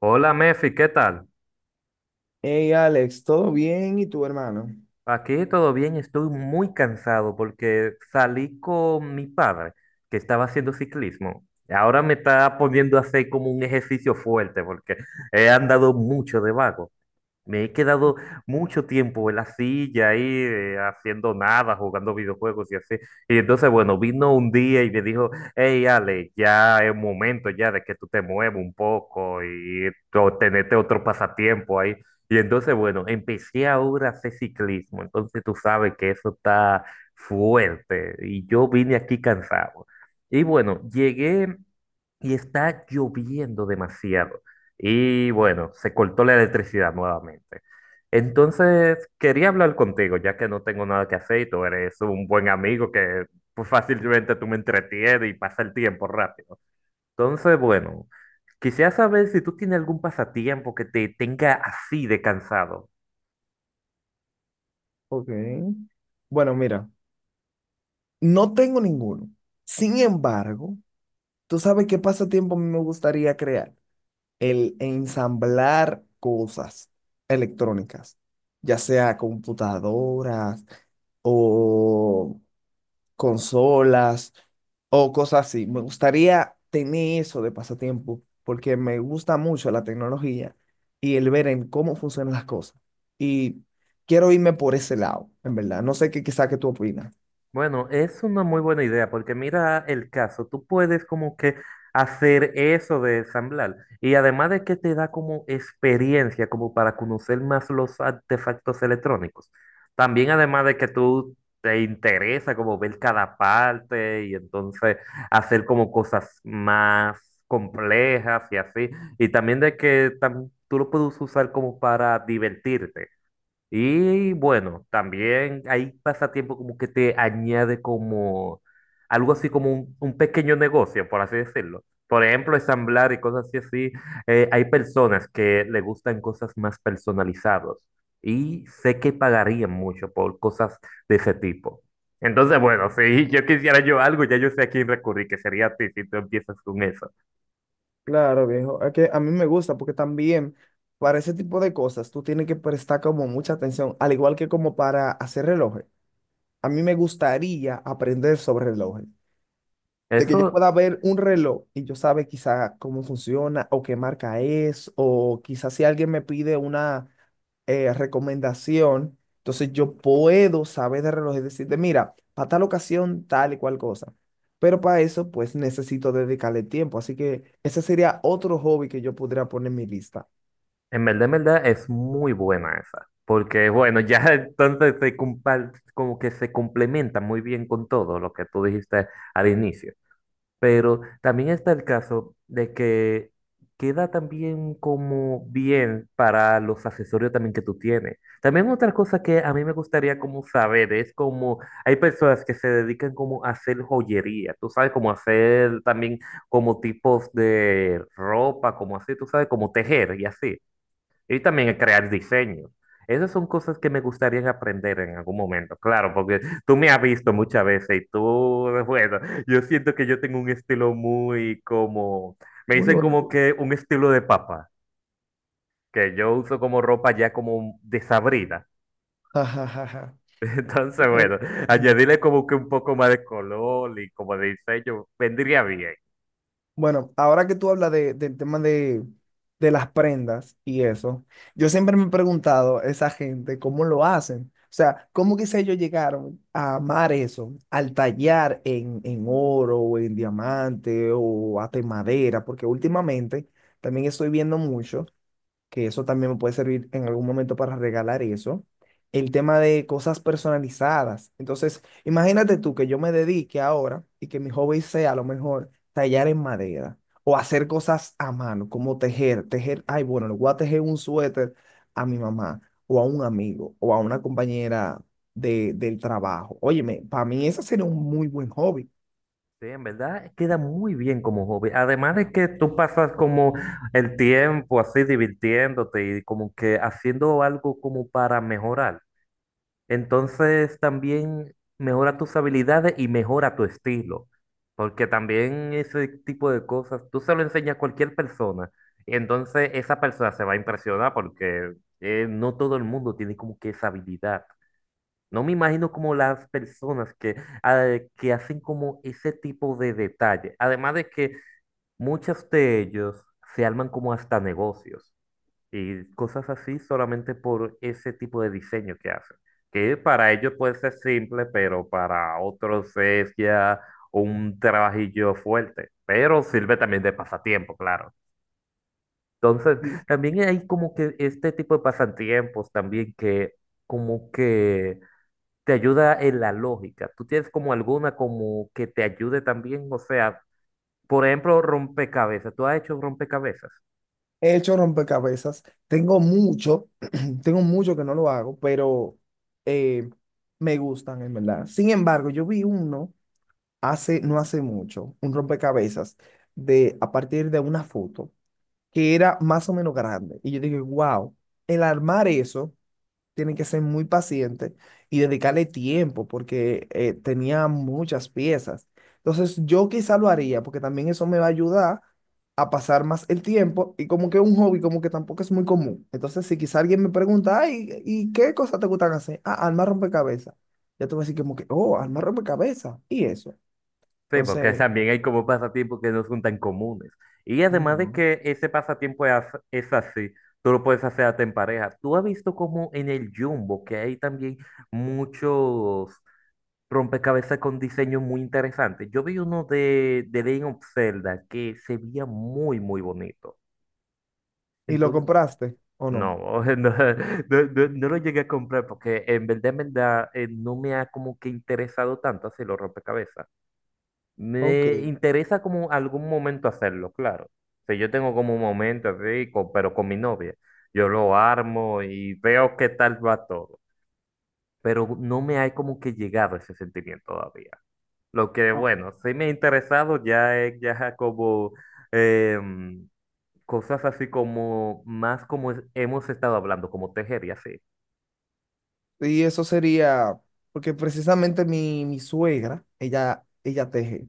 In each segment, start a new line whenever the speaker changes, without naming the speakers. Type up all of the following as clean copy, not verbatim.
Hola Mefi, ¿qué tal?
Hey Alex, ¿todo bien? ¿Y tu hermano?
Aquí todo bien, estoy muy cansado porque salí con mi padre que estaba haciendo ciclismo. Ahora me está poniendo a hacer como un ejercicio fuerte porque he andado mucho de vago. Me he quedado mucho tiempo en la silla ahí haciendo nada, jugando videojuegos y así. Y entonces, bueno, vino un día y me dijo, hey Ale, ya es momento ya de que tú te muevas un poco y tenete otro pasatiempo ahí. Y entonces, bueno, empecé ahora a hacer ciclismo. Entonces tú sabes que eso está fuerte y yo vine aquí cansado. Y bueno, llegué y está lloviendo demasiado. Y bueno, se cortó la electricidad nuevamente. Entonces, quería hablar contigo, ya que no tengo nada que hacer y tú eres un buen amigo que pues, fácilmente tú me entretienes y pasa el tiempo rápido. Entonces, bueno, quisiera saber si tú tienes algún pasatiempo que te tenga así de cansado.
Ok. Bueno, mira, no tengo ninguno. Sin embargo, tú sabes qué pasatiempo a mí me gustaría crear. El ensamblar cosas electrónicas, ya sea computadoras o consolas o cosas así. Me gustaría tener eso de pasatiempo porque me gusta mucho la tecnología y el ver en cómo funcionan las cosas. Y quiero irme por ese lado, en verdad. No sé qué quizá que tú opinas.
Bueno, es una muy buena idea porque mira el caso, tú puedes como que hacer eso de ensamblar y además de que te da como experiencia como para conocer más los artefactos electrónicos, también además de que tú te interesa como ver cada parte y entonces hacer como cosas más complejas y así, y también de que tú lo puedes usar como para divertirte. Y bueno, también hay pasatiempo como que te añade como algo así como un pequeño negocio, por así decirlo. Por ejemplo, ensamblar y cosas así, así. Hay personas que le gustan cosas más personalizadas y sé que pagarían mucho por cosas de ese tipo. Entonces, bueno, si yo quisiera yo algo, ya yo sé a quién recurrir, que sería a ti si tú empiezas con eso.
Claro, viejo. Es que a mí me gusta porque también para ese tipo de cosas tú tienes que prestar como mucha atención, al igual que como para hacer relojes. A mí me gustaría aprender sobre relojes. De que yo
Eso.
pueda ver un reloj y yo sabe quizá cómo funciona o qué marca es, o quizás si alguien me pide una recomendación, entonces yo puedo saber de reloj y decirte, mira, para tal ocasión, tal y cual cosa. Pero para eso, pues necesito dedicarle tiempo. Así que ese sería otro hobby que yo podría poner en mi lista.
En verdad es muy buena esa, porque bueno, ya entonces como que se complementa muy bien con todo lo que tú dijiste al inicio. Pero también está el caso de que queda también como bien para los accesorios también que tú tienes. También otra cosa que a mí me gustaría como saber es como hay personas que se dedican como a hacer joyería, tú sabes, como hacer también como tipos de ropa, como así, tú sabes, como tejer y así. Y también el crear diseños. Esas son cosas que me gustaría aprender en algún momento, claro, porque tú me has visto muchas veces y tú, bueno, yo siento que yo tengo un estilo muy como, me
Muy
dicen como
bonito.
que un estilo de papa, que yo uso como ropa ya como desabrida. Entonces,
Bueno,
bueno, añadirle como que un poco más de color y como de diseño vendría bien.
bueno, ahora que tú hablas de, del tema de las prendas y eso, yo siempre me he preguntado esa gente cómo lo hacen. O sea, ¿cómo quizá ellos llegaron a amar eso, al tallar en oro o en diamante o hasta en madera? Porque últimamente también estoy viendo mucho que eso también me puede servir en algún momento para regalar eso. El tema de cosas personalizadas. Entonces, imagínate tú que yo me dedique ahora y que mi hobby sea a lo mejor tallar en madera o hacer cosas a mano, como tejer, ay, bueno, le voy a tejer un suéter a mi mamá o a un amigo o a una compañera de, del trabajo. Óyeme, para mí ese sería un muy buen hobby.
Sí, en verdad queda muy bien como hobby. Además de que tú pasas como el tiempo así divirtiéndote y como que haciendo algo como para mejorar. Entonces también mejora tus habilidades y mejora tu estilo. Porque también ese tipo de cosas, tú se lo enseñas a cualquier persona. Y entonces esa persona se va a impresionar porque no todo el mundo tiene como que esa habilidad. No me imagino como las personas que, ah, que hacen como ese tipo de detalle. Además de que muchos de ellos se arman como hasta negocios y cosas así solamente por ese tipo de diseño que hacen. Que para ellos puede ser simple, pero para otros es ya un trabajillo fuerte. Pero sirve también de pasatiempo, claro. Entonces,
Sí.
también hay como que este tipo de pasatiempos también que como que te ayuda en la lógica. ¿Tú tienes como alguna como que te ayude también? O sea, por ejemplo, rompecabezas. ¿Tú has hecho rompecabezas?
He hecho rompecabezas, tengo mucho. Tengo mucho que no lo hago, pero eh, me gustan, en verdad. Sin embargo, yo vi uno hace, no hace mucho, un rompecabezas de, a partir de una foto que era más o menos grande. Y yo dije, wow, el armar eso tienen que ser muy pacientes y dedicarle tiempo porque tenía muchas piezas. Entonces yo quizá lo haría porque también eso me va a ayudar a pasar más el tiempo y como que un hobby como que tampoco es muy común. Entonces si quizá alguien me pregunta, ay, ¿y qué cosas te gustan hacer? Ah, armar rompecabezas. Ya te voy a decir como que, oh, armar rompecabezas. Y eso.
Sí, porque
Entonces,
también hay como pasatiempos que no son tan comunes. Y además de
no.
que ese pasatiempo es, es así, tú lo puedes hacer hasta en pareja. ¿Tú has visto como en el Jumbo que hay también muchos rompecabezas con diseños muy interesantes? Yo vi uno de Legend of Zelda que se veía muy, muy bonito.
¿Y lo
Entonces,
compraste o no?
no, no, no, no lo llegué a comprar porque en verdad, no me ha como que interesado tanto hacer los rompecabezas.
Ok.
Me interesa como algún momento hacerlo, claro. O sea, yo tengo como un momento así, pero con mi novia. Yo lo armo y veo qué tal va todo. Pero no me ha como que llegado ese sentimiento todavía. Lo que, bueno, sí me ha interesado ya es ya como... em, cosas así como más como hemos estado hablando, como tejer y así.
Y eso sería, porque precisamente mi suegra, ella teje.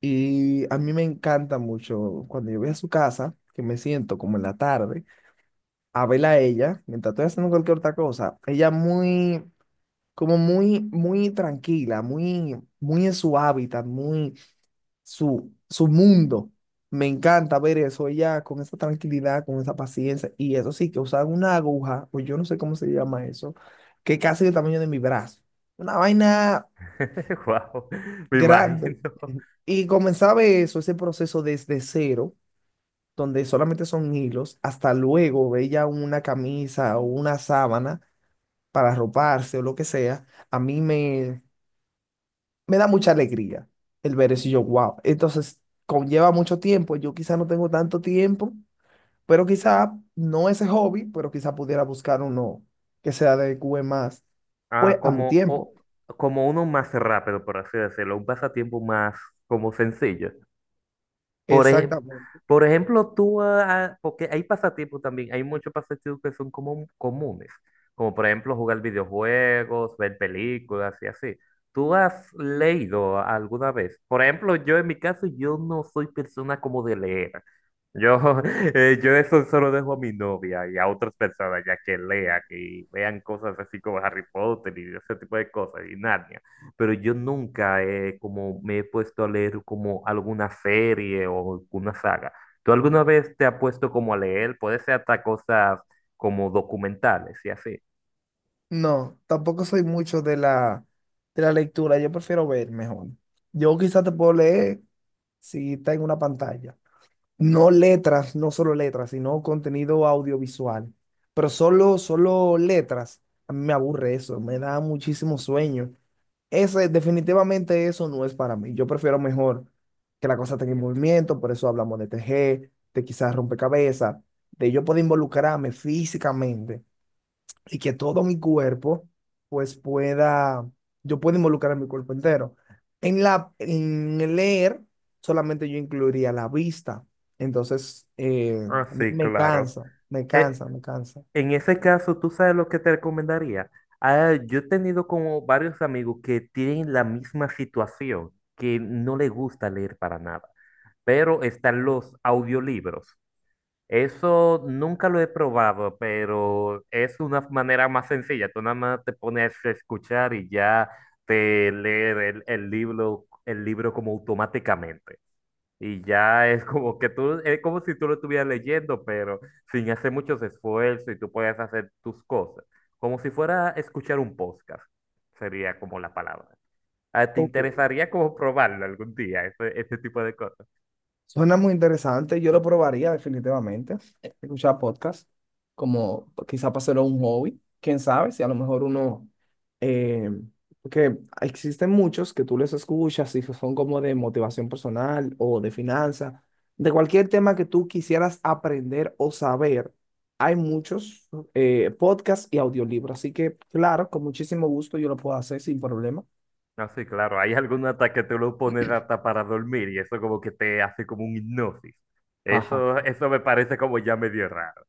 Y a mí me encanta mucho cuando yo voy a su casa, que me siento como en la tarde, a verla a ella, mientras estoy haciendo cualquier otra cosa. Ella muy, como muy, muy tranquila, muy, muy en su hábitat, muy su, su mundo. Me encanta ver eso ella con esa tranquilidad, con esa paciencia. Y eso sí, que usaban una aguja, o yo no sé cómo se llama eso, que casi del tamaño de mi brazo. Una vaina
Wow, me imagino.
grande. Y comenzaba eso, ese proceso desde cero, donde solamente son hilos, hasta luego ella una camisa o una sábana para arroparse o lo que sea. A mí me, me da mucha alegría el ver eso y yo, wow. Entonces, conlleva mucho tiempo. Yo quizá no tengo tanto tiempo, pero quizá no ese hobby, pero quizá pudiera buscar uno que se adecue más, pues,
Ah,
a mi
como,
tiempo.
como uno más rápido, por así decirlo, un pasatiempo más como sencillo. Por, ej-
Exactamente.
por ejemplo, tú, ah, ah, porque hay pasatiempos también, hay muchos pasatiempos que son como comunes, como por ejemplo jugar videojuegos, ver películas y así. ¿Tú has leído alguna vez? Por ejemplo, yo en mi caso, yo no soy persona como de leer. Yo, yo eso solo dejo a mi novia y a otras personas ya que lean y vean cosas así como Harry Potter y ese tipo de cosas y Narnia, pero yo nunca como me he puesto a leer como alguna serie o alguna saga. ¿Tú alguna vez te has puesto como a leer? Puede ser hasta cosas como documentales y así.
No, tampoco soy mucho de la lectura. Yo prefiero ver mejor. Yo quizá te puedo leer si está en una pantalla. No letras, no solo letras, sino contenido audiovisual. Pero solo, solo letras, a mí me aburre eso, me da muchísimo sueño. Ese, definitivamente eso no es para mí. Yo prefiero mejor que la cosa tenga movimiento, por eso hablamos de tejer, de quizás rompecabezas, de yo poder involucrarme físicamente y que todo mi cuerpo, pues pueda, yo pueda involucrar mi cuerpo entero. En la, en leer, solamente yo incluiría la vista. Entonces,
Ah,
a mí
sí,
me
claro.
cansa, me
Eh,
cansa, me cansa.
en ese caso, ¿tú sabes lo que te recomendaría? Ah, yo he tenido como varios amigos que tienen la misma situación, que no les gusta leer para nada, pero están los audiolibros. Eso nunca lo he probado, pero es una manera más sencilla. Tú nada más te pones a escuchar y ya te leer el libro, el libro como automáticamente. Y ya es como que tú, es como si tú lo estuvieras leyendo, pero sin hacer muchos esfuerzos y tú puedes hacer tus cosas. Como si fuera escuchar un podcast, sería como la palabra. Ah, ¿te
Ok.
interesaría como probarlo algún día, este tipo de cosas?
Suena muy interesante, yo lo probaría definitivamente. Escuchar podcast, como quizá para hacerlo un hobby, quién sabe si a lo mejor uno, eh, porque existen muchos que tú les escuchas y que son como de motivación personal o de finanzas, de cualquier tema que tú quisieras aprender o saber, hay muchos podcasts y audiolibros, así que claro, con muchísimo gusto yo lo puedo hacer sin problema.
No, sí, claro. Hay algún ataque que te lo pones hasta para dormir y eso como que te hace como un hipnosis.
Jaja,
Eso me parece como ya medio raro.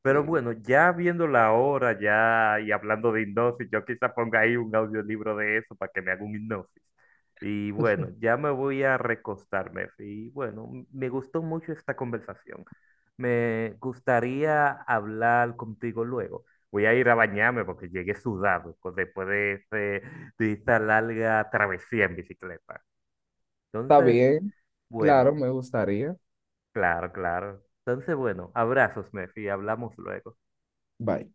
Pero
sí.
bueno, ya viendo la hora ya y hablando de hipnosis, yo quizá ponga ahí un audiolibro de eso para que me haga un hipnosis. Y bueno, ya me voy a recostarme. Y bueno, me gustó mucho esta conversación. Me gustaría hablar contigo luego. Voy a ir a bañarme porque llegué sudado pues, de esta larga travesía en bicicleta.
Está
Entonces,
bien, claro,
bueno,
me gustaría.
claro, claro. Entonces, bueno, abrazos, Mefi. Hablamos luego.
Bye.